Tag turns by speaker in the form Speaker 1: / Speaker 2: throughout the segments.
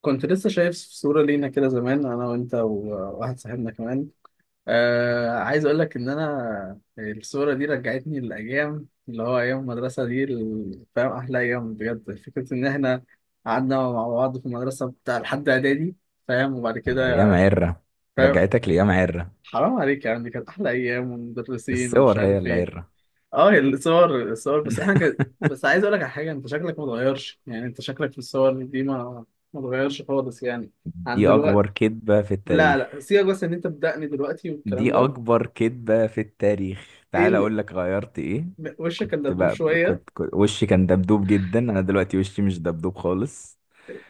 Speaker 1: كنت لسه شايف صورة لينا كده زمان، أنا وأنت وواحد صاحبنا كمان. عايز أقول لك إن أنا الصورة دي رجعتني للأيام اللي هو أيام المدرسة دي. فاهم؟ أحلى أيام بجد. فكرة إن إحنا قعدنا مع بعض في المدرسة بتاع لحد إعدادي، فاهم؟ وبعد
Speaker 2: ايام
Speaker 1: كده
Speaker 2: عره.
Speaker 1: فاهم،
Speaker 2: رجعتك لايام عره.
Speaker 1: حرام عليك، يعني كانت أحلى أيام ومدرسين ومش
Speaker 2: الصور هي
Speaker 1: عارف
Speaker 2: اللي
Speaker 1: إيه.
Speaker 2: عره.
Speaker 1: أه الصور الصور، بس إحنا كان، بس عايز أقول لك على حاجة، أنت شكلك متغيرش، يعني أنت شكلك في الصور دي ما متغيرش خالص يعني، عن
Speaker 2: دي
Speaker 1: دلوقتي.
Speaker 2: اكبر كذبه في
Speaker 1: لا لا
Speaker 2: التاريخ.
Speaker 1: سيبك، بس ان انت بدقني دلوقتي والكلام
Speaker 2: دي
Speaker 1: ده.
Speaker 2: اكبر كذبه في التاريخ،
Speaker 1: ايه
Speaker 2: تعال
Speaker 1: اللي،
Speaker 2: اقول لك غيرت ايه.
Speaker 1: وشك كان
Speaker 2: كنت
Speaker 1: دبدوب
Speaker 2: بقى.
Speaker 1: شويه.
Speaker 2: كنت وشي كان دبدوب جدا، انا دلوقتي وشي مش دبدوب خالص.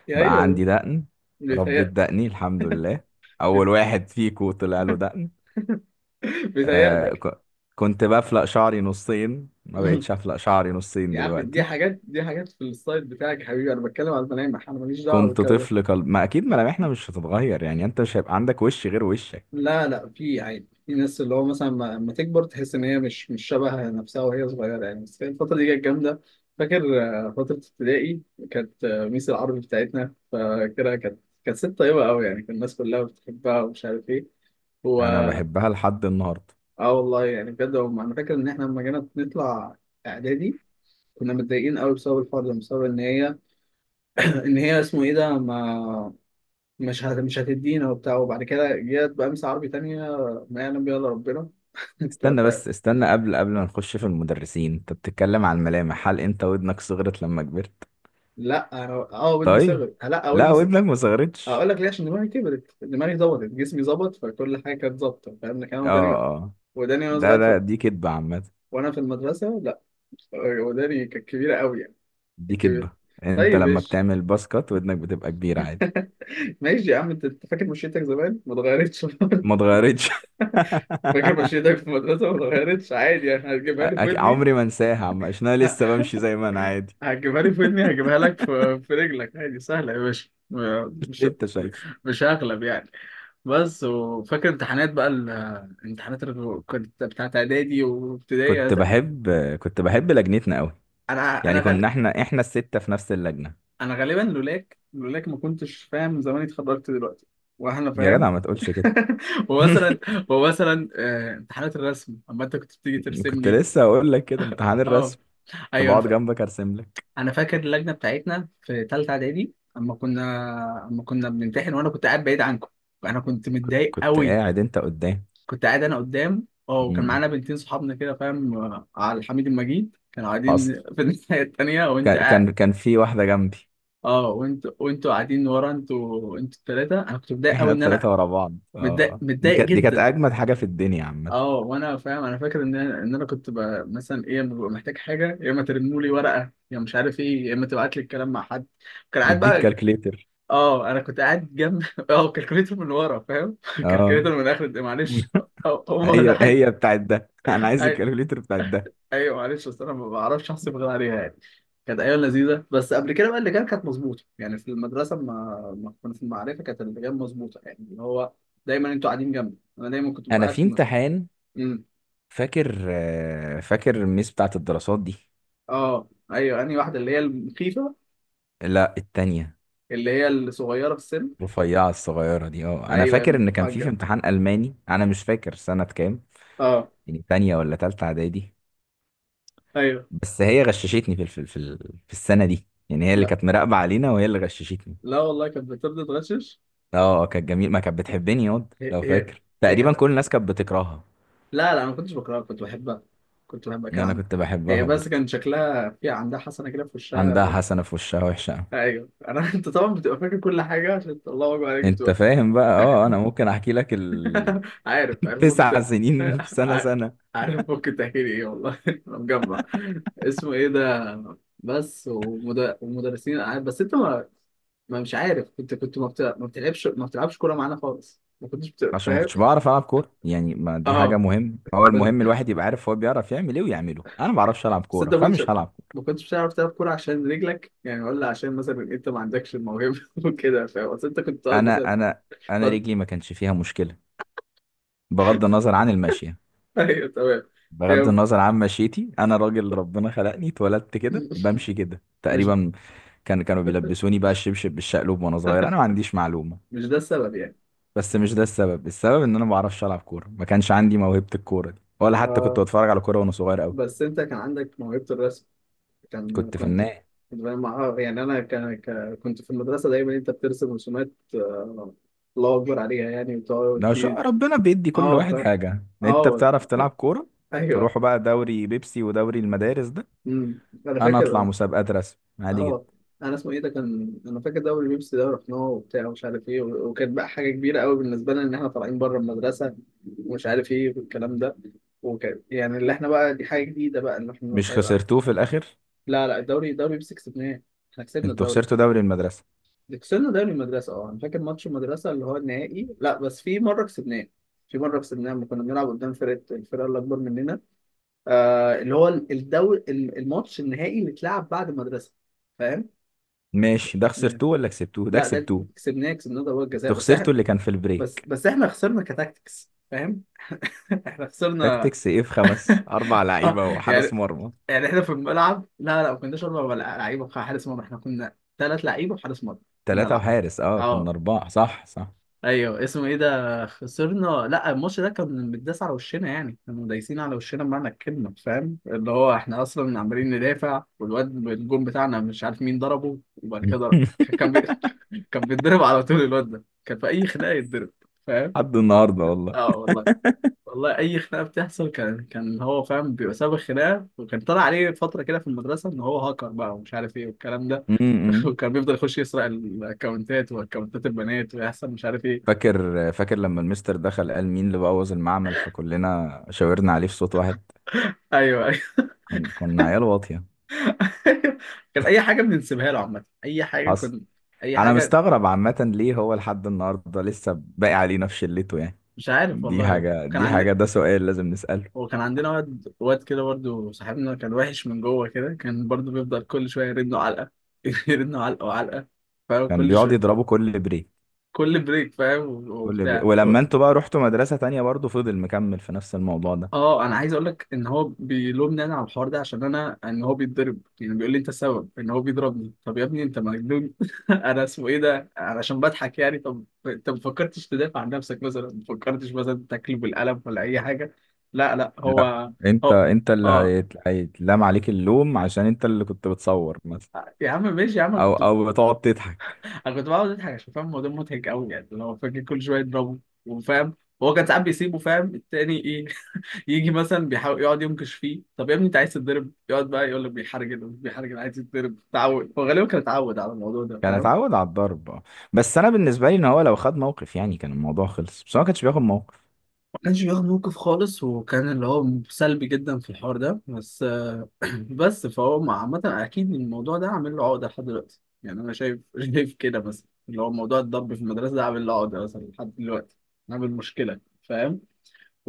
Speaker 1: يا
Speaker 2: بقى
Speaker 1: ايوه،
Speaker 2: عندي دقن. ربيت
Speaker 1: بيتهيأ.
Speaker 2: دقني الحمد لله. اول واحد فيكو طلع له دقن. آه،
Speaker 1: بيتهيألك.
Speaker 2: كنت بفلق شعري نصين، ما بقتش افلق شعري نصين
Speaker 1: يا عم دي
Speaker 2: دلوقتي.
Speaker 1: حاجات، دي حاجات في الستايل بتاعك يا حبيبي، انا بتكلم على الملامح، انا ماليش دعوه
Speaker 2: كنت
Speaker 1: بالكلام ده.
Speaker 2: طفل قلب ما، اكيد ملامحنا مش هتتغير يعني، انت مش هيبقى عندك وش غير وشك.
Speaker 1: لا لا في عادي، في ناس اللي هو مثلا لما تكبر تحس ان هي مش شبه نفسها وهي صغيره يعني، بس كانت الفتره دي كانت جامده. فاكر فتره ابتدائي؟ كانت ميس العربي بتاعتنا فاكرها، كانت ست طيبه قوي يعني، كان الناس كلها بتحبها ومش عارف ايه.
Speaker 2: انا بحبها لحد النهارده.
Speaker 1: اه والله يعني بجد هم، انا فاكر ان احنا لما جينا نطلع اعدادي كنا متضايقين قوي بسبب الحوار ده، بسبب ان هي ان هي اسمه ايه ده، ما مش هتدينا وبتاع، وبعد كده جت بقى مس عربي تانية ما يعلم بيها الا ربنا. انت
Speaker 2: استنى
Speaker 1: فاهم؟
Speaker 2: بس، استنى قبل ما نخش في المدرسين، انت بتتكلم عن الملامح، هل انت ودنك صغرت لما كبرت؟
Speaker 1: لا انا اه ودني
Speaker 2: طيب.
Speaker 1: صغرت، لا
Speaker 2: لا،
Speaker 1: ودني صغرت.
Speaker 2: ودنك ما
Speaker 1: اقول
Speaker 2: صغرتش.
Speaker 1: لك ليه، عشان دماغي كبرت، دماغي ظبطت، جسمي ظبط، فكل حاجه كانت ظابطه فاهم، لكن انا
Speaker 2: اه،
Speaker 1: وداني،
Speaker 2: اه،
Speaker 1: وداني وانا
Speaker 2: ده
Speaker 1: صغير
Speaker 2: ده دي كدبة عامة.
Speaker 1: وانا في المدرسه، لا وداني كانت كبيره قوي يعني،
Speaker 2: دي
Speaker 1: كانت كبيره.
Speaker 2: كدبة. انت
Speaker 1: طيب
Speaker 2: لما
Speaker 1: ايش.
Speaker 2: بتعمل باسكت ودنك بتبقى كبيرة عادي.
Speaker 1: ماشي يا عم انت، أنت فاكر مشيتك زمان ما اتغيرتش؟
Speaker 2: ما اتغيرتش.
Speaker 1: فاكر مشيتك في المدرسه ما اتغيرتش عادي يعني؟ هتجيبها لي في ودني؟
Speaker 2: عمري ما انساها عم، عشان انا
Speaker 1: ه-
Speaker 2: لسه بمشي زي ما انا عادي.
Speaker 1: هتجيبها لي في ودني، هجيبها لك في رجلك عادي، سهله يا باشا.
Speaker 2: اللي
Speaker 1: مش،
Speaker 2: انت شايفه.
Speaker 1: مش هغلب يعني. بس وفاكر امتحانات بقى، الامتحانات اللي كنت بتاعت اعدادي وابتدائي.
Speaker 2: كنت بحب كنت بحب لجنتنا قوي،
Speaker 1: انا انا
Speaker 2: يعني
Speaker 1: غالب،
Speaker 2: كنا احنا الستة في نفس اللجنة.
Speaker 1: انا غالبا لولاك، لولاك ما كنتش فاهم، زماني اتخرجت دلوقتي. واحنا
Speaker 2: يا
Speaker 1: فاهم.
Speaker 2: جدع ما تقولش كده.
Speaker 1: ومثلا، ومثلا امتحانات الرسم، اما انت كنت بتيجي ترسم
Speaker 2: كنت
Speaker 1: لي.
Speaker 2: لسه هقول لك كده، امتحان
Speaker 1: اه
Speaker 2: الرسم. كنت
Speaker 1: ايوه انا
Speaker 2: بقعد جنبك ارسم لك.
Speaker 1: انا فاكر اللجنه بتاعتنا في ثالثه اعدادي اما كنا، اما كنا بنمتحن وانا كنت قاعد بعيد عنكم، انا كنت
Speaker 2: كنت
Speaker 1: متضايق
Speaker 2: كنت
Speaker 1: قوي.
Speaker 2: قاعد انت قدام.
Speaker 1: كنت قاعد انا قدام اه، وكان
Speaker 2: مم.
Speaker 1: معانا بنتين صحابنا كده فاهم، على الحميد المجيد كانوا
Speaker 2: حصل.
Speaker 1: قاعدين في الناحيه التانيه وانت
Speaker 2: كان
Speaker 1: قاعد،
Speaker 2: كان كان في واحدة جنبي.
Speaker 1: اه. وانت، وانتوا قاعدين ورا، انتوا انتوا الثلاثه، انا كنت متضايق
Speaker 2: احنا
Speaker 1: قوي ان انا،
Speaker 2: الثلاثة ورا بعض،
Speaker 1: متضايق
Speaker 2: اه،
Speaker 1: متضايق
Speaker 2: دي كانت
Speaker 1: جدا.
Speaker 2: اجمد حاجة في الدنيا عامة.
Speaker 1: اه وانا فاهم، انا فاكر ان انا، ان انا كنت بقى مثلا ايه لما ببقى محتاج حاجه، يا اما ترنوا لي ورقه يا مش عارف ايه، يا اما تبعت لي الكلام مع حد. كان قاعد
Speaker 2: نديك
Speaker 1: بقى.
Speaker 2: كالكليتر.
Speaker 1: اه انا كنت قاعد جنب، اه كالكوليتر من ورا فاهم،
Speaker 2: اه.
Speaker 1: كالكوليتر من اخر معلش. اه هو ولا
Speaker 2: هي
Speaker 1: حاجه.
Speaker 2: هي بتاعت ده، انا عايز
Speaker 1: أي-
Speaker 2: الكالكليتر بتاعت ده.
Speaker 1: ايوه معلش، بس انا ما بعرفش احسب غير عليها يعني. كانت ايام لذيذه، بس قبل كده بقى اللي كان كانت مظبوطه يعني في المدرسه، ما ما كنا في المعرفه، كانت اللي كانت مظبوطه يعني اللي هو دايما انتوا قاعدين جنبي، انا دايما كنت ببقى
Speaker 2: انا
Speaker 1: قاعد
Speaker 2: في
Speaker 1: في المدرسة.
Speaker 2: امتحان.
Speaker 1: إمم.
Speaker 2: فاكر الميس بتاعت الدراسات دي.
Speaker 1: اه ايوه، انهي واحده اللي هي المخيفه؟
Speaker 2: لا، التانية.
Speaker 1: اللي هي الصغيره في السن؟
Speaker 2: رفيعة الصغيرة دي، اه، انا
Speaker 1: ايوه
Speaker 2: فاكر ان كان في
Speaker 1: المحجبه،
Speaker 2: امتحان الماني، انا مش فاكر سنة كام،
Speaker 1: اه
Speaker 2: يعني تانية ولا تالتة اعدادي؟
Speaker 1: ايوه.
Speaker 2: بس هي غششتني في الف- في ال- في السنة دي، يعني هي اللي
Speaker 1: لا
Speaker 2: كانت مراقبة علينا وهي اللي غششتني.
Speaker 1: لا والله كانت بتبدا تغشش.
Speaker 2: اه، كانت جميل ما، كانت بتحبني ياض
Speaker 1: هي
Speaker 2: لو
Speaker 1: هي،
Speaker 2: فاكر،
Speaker 1: هي
Speaker 2: تقريبا
Speaker 1: كانت،
Speaker 2: كل الناس كانت بتكرهها.
Speaker 1: لا لا انا ما كنتش بكرهها، كنت بحبها، كنت بحبها،
Speaker 2: ان
Speaker 1: كان
Speaker 2: انا
Speaker 1: عندها.
Speaker 2: كنت
Speaker 1: هي
Speaker 2: بحبها
Speaker 1: بس
Speaker 2: برضو.
Speaker 1: كان شكلها في، عندها حسنه كده في
Speaker 2: عندها
Speaker 1: وشها.
Speaker 2: حسنة في وشها وحشة أوي.
Speaker 1: ايوه انا، انت طبعا بتبقى فاكر كل حاجه، عشان الله اكبر عليك
Speaker 2: انت
Speaker 1: بتبقى.
Speaker 2: فاهم بقى؟ اه، انا ممكن احكي لك ال...
Speaker 1: عارف عارف ممكن
Speaker 2: تسع سنين في سنة
Speaker 1: ع-
Speaker 2: سنة.
Speaker 1: عارف ممكن تحكي لي ايه والله، انا مجمع اسمه ايه ده، بس ومدرسين بس انت ما مش عارف، كنت كنت ما, ما بتلعبش، ما بتلعبش كوره معانا خالص، ما كنتش
Speaker 2: عشان ما
Speaker 1: فاهم.
Speaker 2: كنتش بعرف العب كوره يعني، ما دي حاجه
Speaker 1: اه،
Speaker 2: مهم، هو
Speaker 1: بس...
Speaker 2: المهم الواحد يبقى عارف هو بيعرف يعمل ايه ويعمله، انا ما بعرفش العب
Speaker 1: بس
Speaker 2: كوره
Speaker 1: انت ما كنتش،
Speaker 2: فمش هلعب كورة.
Speaker 1: ما كنتش بتعرف تلعب كوره عشان رجلك يعني، ولا عشان مثلا انت ما عندكش الموهبه وكده فاهم؟ بس انت كنت تقعد مثلا،
Speaker 2: انا انا انا
Speaker 1: تقعد-
Speaker 2: رجلي ما كانش فيها مشكله، بغض النظر عن المشيه.
Speaker 1: ايوه تمام.
Speaker 2: بغض
Speaker 1: يعني
Speaker 2: النظر عن مشيتي، انا راجل ربنا خلقني، اتولدت كده بمشي كده
Speaker 1: مش
Speaker 2: تقريبا. كانوا بيلبسوني بقى الشبشب بالشقلوب وانا صغير، انا ما عنديش معلومه.
Speaker 1: مش ده السبب يعني.
Speaker 2: بس مش ده السبب، السبب ان انا ما بعرفش العب كوره، ما كانش عندي موهبه الكوره دي، ولا حتى كنت
Speaker 1: اه
Speaker 2: بتفرج على كوره وانا صغير قوي.
Speaker 1: بس انت كان عندك موهبة الرسم، كان
Speaker 2: كنت
Speaker 1: كنت،
Speaker 2: فنان.
Speaker 1: كنت فاهم يعني انا كان كنت في المدرسة دايما انت بترسم رسومات، الله اكبر عليها يعني، وتقعد
Speaker 2: لو شاء ربنا بيدي كل
Speaker 1: اه
Speaker 2: واحد حاجة، انت
Speaker 1: اه
Speaker 2: بتعرف تلعب كورة،
Speaker 1: ايوه.
Speaker 2: تروحوا بقى دوري بيبسي ودوري المدارس ده،
Speaker 1: امم، انا
Speaker 2: انا
Speaker 1: فاكر
Speaker 2: اطلع
Speaker 1: اه.
Speaker 2: مسابقات رسم عادي
Speaker 1: آه،
Speaker 2: جدا.
Speaker 1: انا اسمه ايه ده، كان انا فاكر دوري بيبسي ده رحناه وبتاع ومش عارف ايه، وكانت بقى حاجة كبيرة قوي بالنسبة لنا ان احنا طالعين بره المدرسة ومش عارف ايه والكلام ده، وكان يعني اللي احنا بقى دي حاجة جديدة بقى ان احنا
Speaker 2: مش خسرتوه في الاخر؟
Speaker 1: لا لا الدوري، الدوري بيبسي كسبناه، احنا كسبنا
Speaker 2: انتوا
Speaker 1: الدوري.
Speaker 2: خسرتوا دوري المدرسة.
Speaker 1: ده كسبنا دوري المدرسة اه، انا فاكر ماتش المدرسة اللي هو النهائي، لا بس في مرة كسبناه، في مرة كسبناه لما كنا بنلعب قدام فرقة، الفرقة اللي أكبر مننا، آه اللي هو الدوري الماتش النهائي اللي اتلعب بعد المدرسة. فاهم؟ مش،
Speaker 2: ماشي، ده
Speaker 1: م-
Speaker 2: خسرتوه ولا كسبتوه؟ ده
Speaker 1: لا ده اللي
Speaker 2: كسبتوه.
Speaker 1: كسبناه، كسبناه ضربات جزاء،
Speaker 2: انتوا
Speaker 1: بس احنا،
Speaker 2: خسرتوا اللي كان في
Speaker 1: بس
Speaker 2: البريك.
Speaker 1: بس احنا خسرنا كتاكتكس فاهم؟ احنا خسرنا.
Speaker 2: تاكتكس ايه؟ في خمس اربع
Speaker 1: آه
Speaker 2: لعيبة وحارس
Speaker 1: يعني،
Speaker 2: مرمى؟
Speaker 1: يعني احنا في الملعب، لا لا ما كناش أربع لعيبة وحارس مرمى، احنا كنا ثلاث لعيبة وحارس مرمى. كنا
Speaker 2: ثلاثة
Speaker 1: لا،
Speaker 2: وحارس، اه، كنا
Speaker 1: اه
Speaker 2: اربعة، صح صح.
Speaker 1: ايوه اسمه ايه ده. خسرنا، لا الماتش ده كان متداس على وشنا يعني، كانوا دايسين على وشنا بمعنى الكلمه فاهم، اللي هو احنا اصلا عمالين ندافع، والواد الجون بتاعنا مش عارف مين ضربه، وبعد كده ضرب. كان كان بيتضرب على طول الواد ده، كان في اي خناقه يتضرب فاهم.
Speaker 2: لحد النهاردة والله.
Speaker 1: اه والله، والله اي خناقه بتحصل كان هو فاهم بيبقى سبب الخناقه. وكان طلع عليه فتره كده في المدرسه ان هو هاكر بقى ومش عارف ايه والكلام ده،
Speaker 2: امم. امم.
Speaker 1: وكان بيفضل يخش يسرق الاكونتات واكونتات البنات ويحصل مش عارف ايه.
Speaker 2: فاكر لما المستر دخل قال مين اللي بوظ المعمل، فكلنا شاورنا عليه في صوت واحد.
Speaker 1: ايوه أيوه.
Speaker 2: كنا عيال واطية.
Speaker 1: كان اي حاجه بنسيبها له عامه، اي حاجه
Speaker 2: حصل.
Speaker 1: كنت، اي
Speaker 2: انا
Speaker 1: حاجه.
Speaker 2: مستغرب عامة ليه هو لحد النهاردة لسه باقي عليه نفس شلته يعني،
Speaker 1: مش عارف والله، كان
Speaker 2: دي حاجة،
Speaker 1: عندي،
Speaker 2: ده سؤال لازم نسأله.
Speaker 1: وكان عندنا واد، واد كده برضو صاحبنا، كان وحش من جوه كده، كان برضو بيفضل كل شويه يرن له علقه، يرن له علقه وعلقه فاهم
Speaker 2: كان
Speaker 1: كل
Speaker 2: بيقعد
Speaker 1: شويه،
Speaker 2: يضربه كل بريك.
Speaker 1: كل بريك فاهم
Speaker 2: كل بريك،
Speaker 1: وبتاع.
Speaker 2: ولما انتوا بقى رحتوا مدرسة تانية برضه فضل مكمل في نفس الموضوع ده.
Speaker 1: اه انا عايز اقول لك ان هو بيلومني انا على الحوار ده، عشان انا ان هو بيتضرب، يعني بيقول لي انت السبب ان هو بيضربني. طب يا ابني انت مجنون، انا اسمه ايه ده علشان بضحك يعني. طب انت ما فكرتش تدافع عن نفسك مثلا، ما فكرتش مثلا تاكله بالقلم ولا اي حاجه؟ لا لا
Speaker 2: لا،
Speaker 1: هو،
Speaker 2: انت
Speaker 1: هو
Speaker 2: انت اللي
Speaker 1: اه.
Speaker 2: هيتلام عليك اللوم، عشان انت اللي كنت بتصور مثلا،
Speaker 1: يا عم ماشي يا عم، انا
Speaker 2: او
Speaker 1: كنت،
Speaker 2: او بتقعد تضحك.
Speaker 1: انا كنت بقعد اضحك عشان فاهم الموضوع مضحك قوي يعني، اللي هو فاكر كل شويه يضربه وفاهم. هو كان ساعات بيسيبه فاهم، التاني ايه، يجي مثلا بيحاول يقعد ينكش فيه. طب يا ابني انت عايز تتضرب، يقعد بقى يقول لك بيحرجل، مش بيحرجل عايز يتضرب، تعود، هو غالبا كان اتعود على الموضوع ده
Speaker 2: كان
Speaker 1: فاهم.
Speaker 2: اتعود على الضرب آه. بس انا بالنسبة لي، ان هو لو خد موقف يعني كان الموضوع خلص، بس هو ما كانش بياخد موقف.
Speaker 1: ما كانش بياخد موقف خالص، وكان اللي هو سلبي جدا في الحوار ده، بس بس فهو عامة اكيد الموضوع ده عامل له عقدة لحد دلوقتي يعني، انا شايف، شايف كده مثلا اللي هو موضوع الضرب في المدرسة ده عامل له عقدة مثلا لحد دلوقتي، عامل مشكلة فاهم.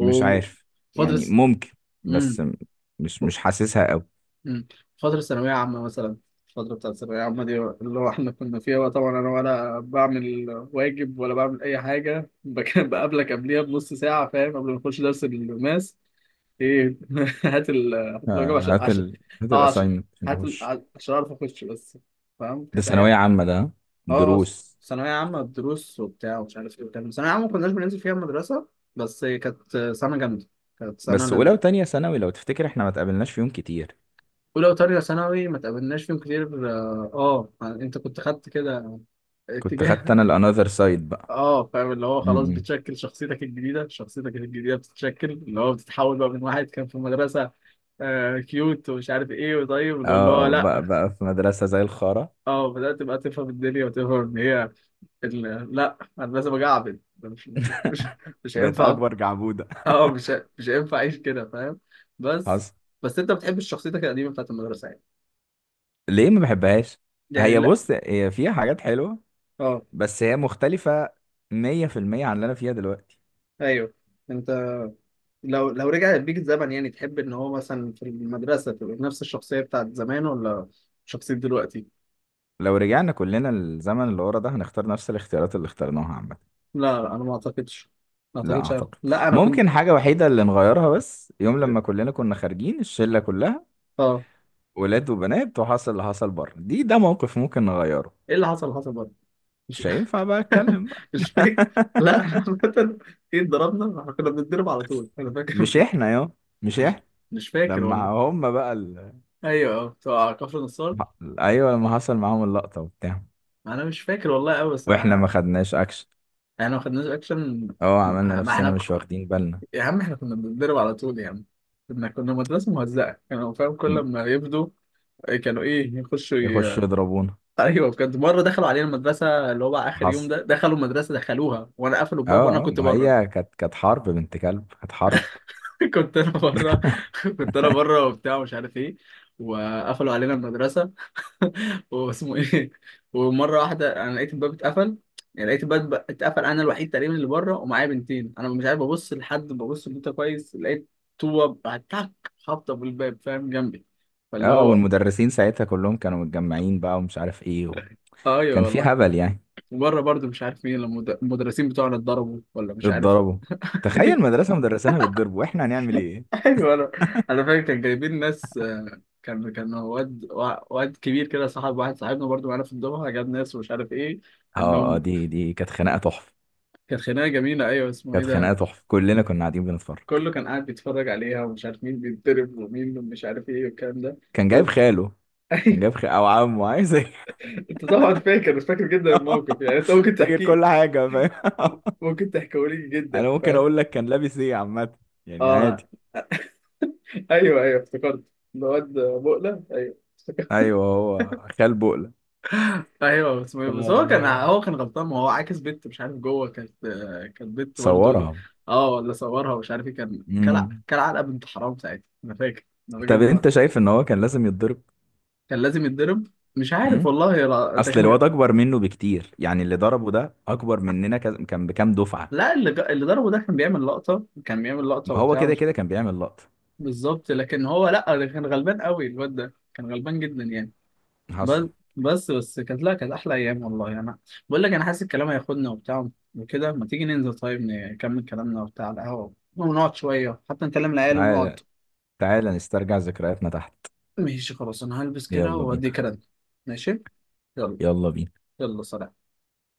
Speaker 2: مش عارف. يعني ممكن. بس
Speaker 1: امم،
Speaker 2: مش حاسسها قوي.
Speaker 1: مم. فترة ثانوية عامة مثلا، الفترة بتاعت الثانوية عامة دي اللي هو احنا كنا فيها بقى، طبعا أنا ولا بعمل واجب ولا بعمل أي حاجة، بقابلك قبليها بنص ساعة فاهم، قبل ما نخش درس الماس. إيه، هات الواجب
Speaker 2: آه،
Speaker 1: عشان، عشان
Speaker 2: هات
Speaker 1: أه عشان،
Speaker 2: الأساينمنت نخش.
Speaker 1: عشان أعرف أخش بس فاهم.
Speaker 2: ده
Speaker 1: كانت أيام.
Speaker 2: ثانوية عامة ده، ها؟
Speaker 1: أه
Speaker 2: دروس.
Speaker 1: ثانوية عامة الدروس وبتاع ومش عارف إيه وبتاع، ثانوية عامة ما كناش بننزل فيها المدرسة، بس كانت سنة جامدة، كانت سنة.
Speaker 2: بس أولى وتانية ثانوي لو تفتكر احنا ما اتقابلناش فيهم كتير.
Speaker 1: اولى وتانية ثانوي ما تقابلناش فيهم كتير اه، يعني انت كنت خدت كده
Speaker 2: كنت خدت
Speaker 1: اتجاه.
Speaker 2: أنا الأنذر سايد بقى.
Speaker 1: اه فاهم، اللي هو خلاص
Speaker 2: م.
Speaker 1: بتشكل شخصيتك الجديدة، شخصيتك الجديدة بتتشكل اللي هو، بتتحول بقى من واحد كان في المدرسة آه كيوت ومش عارف ايه وطيب
Speaker 2: اه،
Speaker 1: اللي، اللي هو
Speaker 2: آه،
Speaker 1: لا.
Speaker 2: بقى في مدرسة زي الخارة.
Speaker 1: اه بدأت بقى تفهم الدنيا وتفهم ان هي، لا انا لازم اجعبد ده، مش
Speaker 2: بقت
Speaker 1: هينفع.
Speaker 2: أكبر جعبودة.
Speaker 1: اه مش هينفع اعيش كده فاهم. بس
Speaker 2: حصل.
Speaker 1: بس انت بتحب شخصيتك القديمة بتاعت المدرسة يعني؟
Speaker 2: ليه ما بحبهاش؟
Speaker 1: يعني
Speaker 2: هي
Speaker 1: لا،
Speaker 2: بص، هي فيها حاجات حلوة،
Speaker 1: اه
Speaker 2: بس هي مختلفة 100% عن اللي أنا فيها دلوقتي.
Speaker 1: ايوه. انت لو، لو رجع بيك الزمن يعني تحب ان هو مثلا في المدرسة تبقى نفس الشخصية بتاعت زمان، ولا شخصية دلوقتي؟
Speaker 2: لو رجعنا كلنا للزمن اللي ورا ده، هنختار نفس الاختيارات اللي اخترناها عامة.
Speaker 1: لا لا انا ما اعتقدش، ما
Speaker 2: لا
Speaker 1: اعتقدش أنا.
Speaker 2: أعتقد.
Speaker 1: لا انا كنت
Speaker 2: ممكن حاجة وحيدة اللي نغيرها، بس يوم لما كلنا كنا خارجين الشلة كلها،
Speaker 1: اه.
Speaker 2: ولاد وبنات، وحصل اللي حصل بره ده موقف ممكن نغيره.
Speaker 1: ايه اللي حصل؟ حصل برضه. مش،
Speaker 2: مش هينفع بقى أتكلم بقى.
Speaker 1: مش فاكر. لا احنا عامة، ايه اتضربنا؟ احنا كنا بنتضرب على طول، انا فاكر،
Speaker 2: مش
Speaker 1: مش
Speaker 2: إحنا يا. مش
Speaker 1: مش
Speaker 2: إحنا.
Speaker 1: مش فاكر
Speaker 2: لما
Speaker 1: والله.
Speaker 2: هم بقى ال...
Speaker 1: ايوه اه بتوع كفر نصار.
Speaker 2: أيوة، لما حصل معاهم اللقطة وبتاع،
Speaker 1: انا مش فاكر والله قوي بس
Speaker 2: وإحنا ما
Speaker 1: انا.
Speaker 2: خدناش أكشن.
Speaker 1: ما خدناش اكشن.
Speaker 2: أه، عملنا
Speaker 1: ما
Speaker 2: نفسنا
Speaker 1: احنا،
Speaker 2: مش واخدين بالنا.
Speaker 1: يا عم احنا كنا بنتدرب على طول يا عم، كنا مدرسة مهزأة، كانوا فاهم كل
Speaker 2: م-
Speaker 1: ما يفضوا، كانوا ايه يخشوا
Speaker 2: يخشوا يضربونا.
Speaker 1: ايوه بجد مرة دخلوا علينا المدرسة، اللي هو بقى اخر يوم
Speaker 2: حصل.
Speaker 1: ده دخلوا المدرسة دخلوها وانا، قفلوا الباب وانا
Speaker 2: اه، اه،
Speaker 1: كنت
Speaker 2: ما
Speaker 1: بره.
Speaker 2: هي كانت حرب بنت كلب، كانت حرب.
Speaker 1: كنت انا بره، كنت انا بره وبتاع مش عارف ايه، وقفلوا علينا المدرسة، واسمه ايه. ومره واحده انا لقيت الباب اتقفل، يعني لقيت الباب اتقفل، انا الوحيد تقريبا اللي بره ومعايا بنتين، انا مش عارف ابص لحد، ببص لبنت كويس لقيت طوبه تك خابطه في الباب فاهم جنبي. فاللي
Speaker 2: اه،
Speaker 1: هو،
Speaker 2: والمدرسين ساعتها كلهم كانوا متجمعين بقى ومش عارف ايه و...
Speaker 1: ايوه
Speaker 2: كان في
Speaker 1: والله.
Speaker 2: هبل يعني.
Speaker 1: وبره برضه مش عارف مين، لما المدرسين بتوعنا اتضربوا ولا مش عارف.
Speaker 2: اتضربوا. تخيل مدرسة مدرسينها بيتضربوا، واحنا هنعمل ايه؟
Speaker 1: ايوه انا، انا فاكر كان جايبين ناس كان واد واد كبير كده صاحب واحد صاحبنا برضه معانا في الدفعه، جاب ناس ومش عارف ايه
Speaker 2: اه، اه،
Speaker 1: انهم،
Speaker 2: دي كانت خناقة تحفة.
Speaker 1: كانت خناقه جميله ايوه اسمه ايه
Speaker 2: كانت خناقة
Speaker 1: ده،
Speaker 2: تحفة، كلنا كنا قاعدين بنتفرج.
Speaker 1: كله كان قاعد بيتفرج عليها ومش عارف مين بيتضرب ومين مش عارف ايه والكلام ده.
Speaker 2: كان
Speaker 1: بس-
Speaker 2: جايب خاله. كان
Speaker 1: ايوه.
Speaker 2: جايب او عمه، عايز ايه؟
Speaker 1: انت طبعا فاكر، فاكر جدا الموقف يعني، انت ممكن
Speaker 2: فاكر
Speaker 1: تحكيه،
Speaker 2: كل حاجة فاهم.
Speaker 1: ممكن تحكيه لي جدا
Speaker 2: انا ممكن
Speaker 1: فاهم.
Speaker 2: اقول لك كان لابس ايه عامة، يعني
Speaker 1: اه
Speaker 2: عادي.
Speaker 1: ايوه ايوه افتكرت، الواد بقلة ايوه افتكرت.
Speaker 2: ايوه، هو خال بقلة.
Speaker 1: ايوه بس بس هو كان،
Speaker 2: آه.
Speaker 1: هو كان غلطان، ما هو عاكس بنت مش عارف، جوه كانت، كانت بنت برضه.
Speaker 2: صورها.
Speaker 1: اه ولا صورها ومش عارف ايه، كان كلع
Speaker 2: مم.
Speaker 1: كلع علقه بنت حرام ساعتها، انا فاكر، انا فاكر
Speaker 2: طب
Speaker 1: ان هو
Speaker 2: انت شايف ان هو كان لازم يتضرب؟
Speaker 1: كان لازم يتضرب. مش عارف
Speaker 2: امم.
Speaker 1: والله، ده
Speaker 2: اصل الواد
Speaker 1: كان،
Speaker 2: اكبر منه بكتير، يعني اللي ضربه ده اكبر مننا كان بكام دفعة.
Speaker 1: لا اللي ضربه ده كان بيعمل لقطة، كان بيعمل لقطة
Speaker 2: ما هو
Speaker 1: وبتاع،
Speaker 2: كده
Speaker 1: مش
Speaker 2: كده كان بيعمل لقطة.
Speaker 1: بالظبط، لكن هو لا ده كان غلبان قوي، الواد ده كان غلبان جدا يعني.
Speaker 2: حصل.
Speaker 1: بس، بس كانت، لا كانت أحلى أيام والله يعني. أنا بقول لك أنا حاسس الكلام هياخدنا وبتاع وكده، ما تيجي ننزل طيب نكمل كلامنا وبتاع على القهوة، ونقعد شوية حتى نكلم العيال ونقعد.
Speaker 2: تعالى، تعالى نسترجع ذكرياتنا تحت.
Speaker 1: ماشي خلاص، أنا هلبس كده
Speaker 2: يلا
Speaker 1: وأدي
Speaker 2: بينا.
Speaker 1: كده. ماشي، يلا.
Speaker 2: يلا بينا.
Speaker 1: يلا سلام.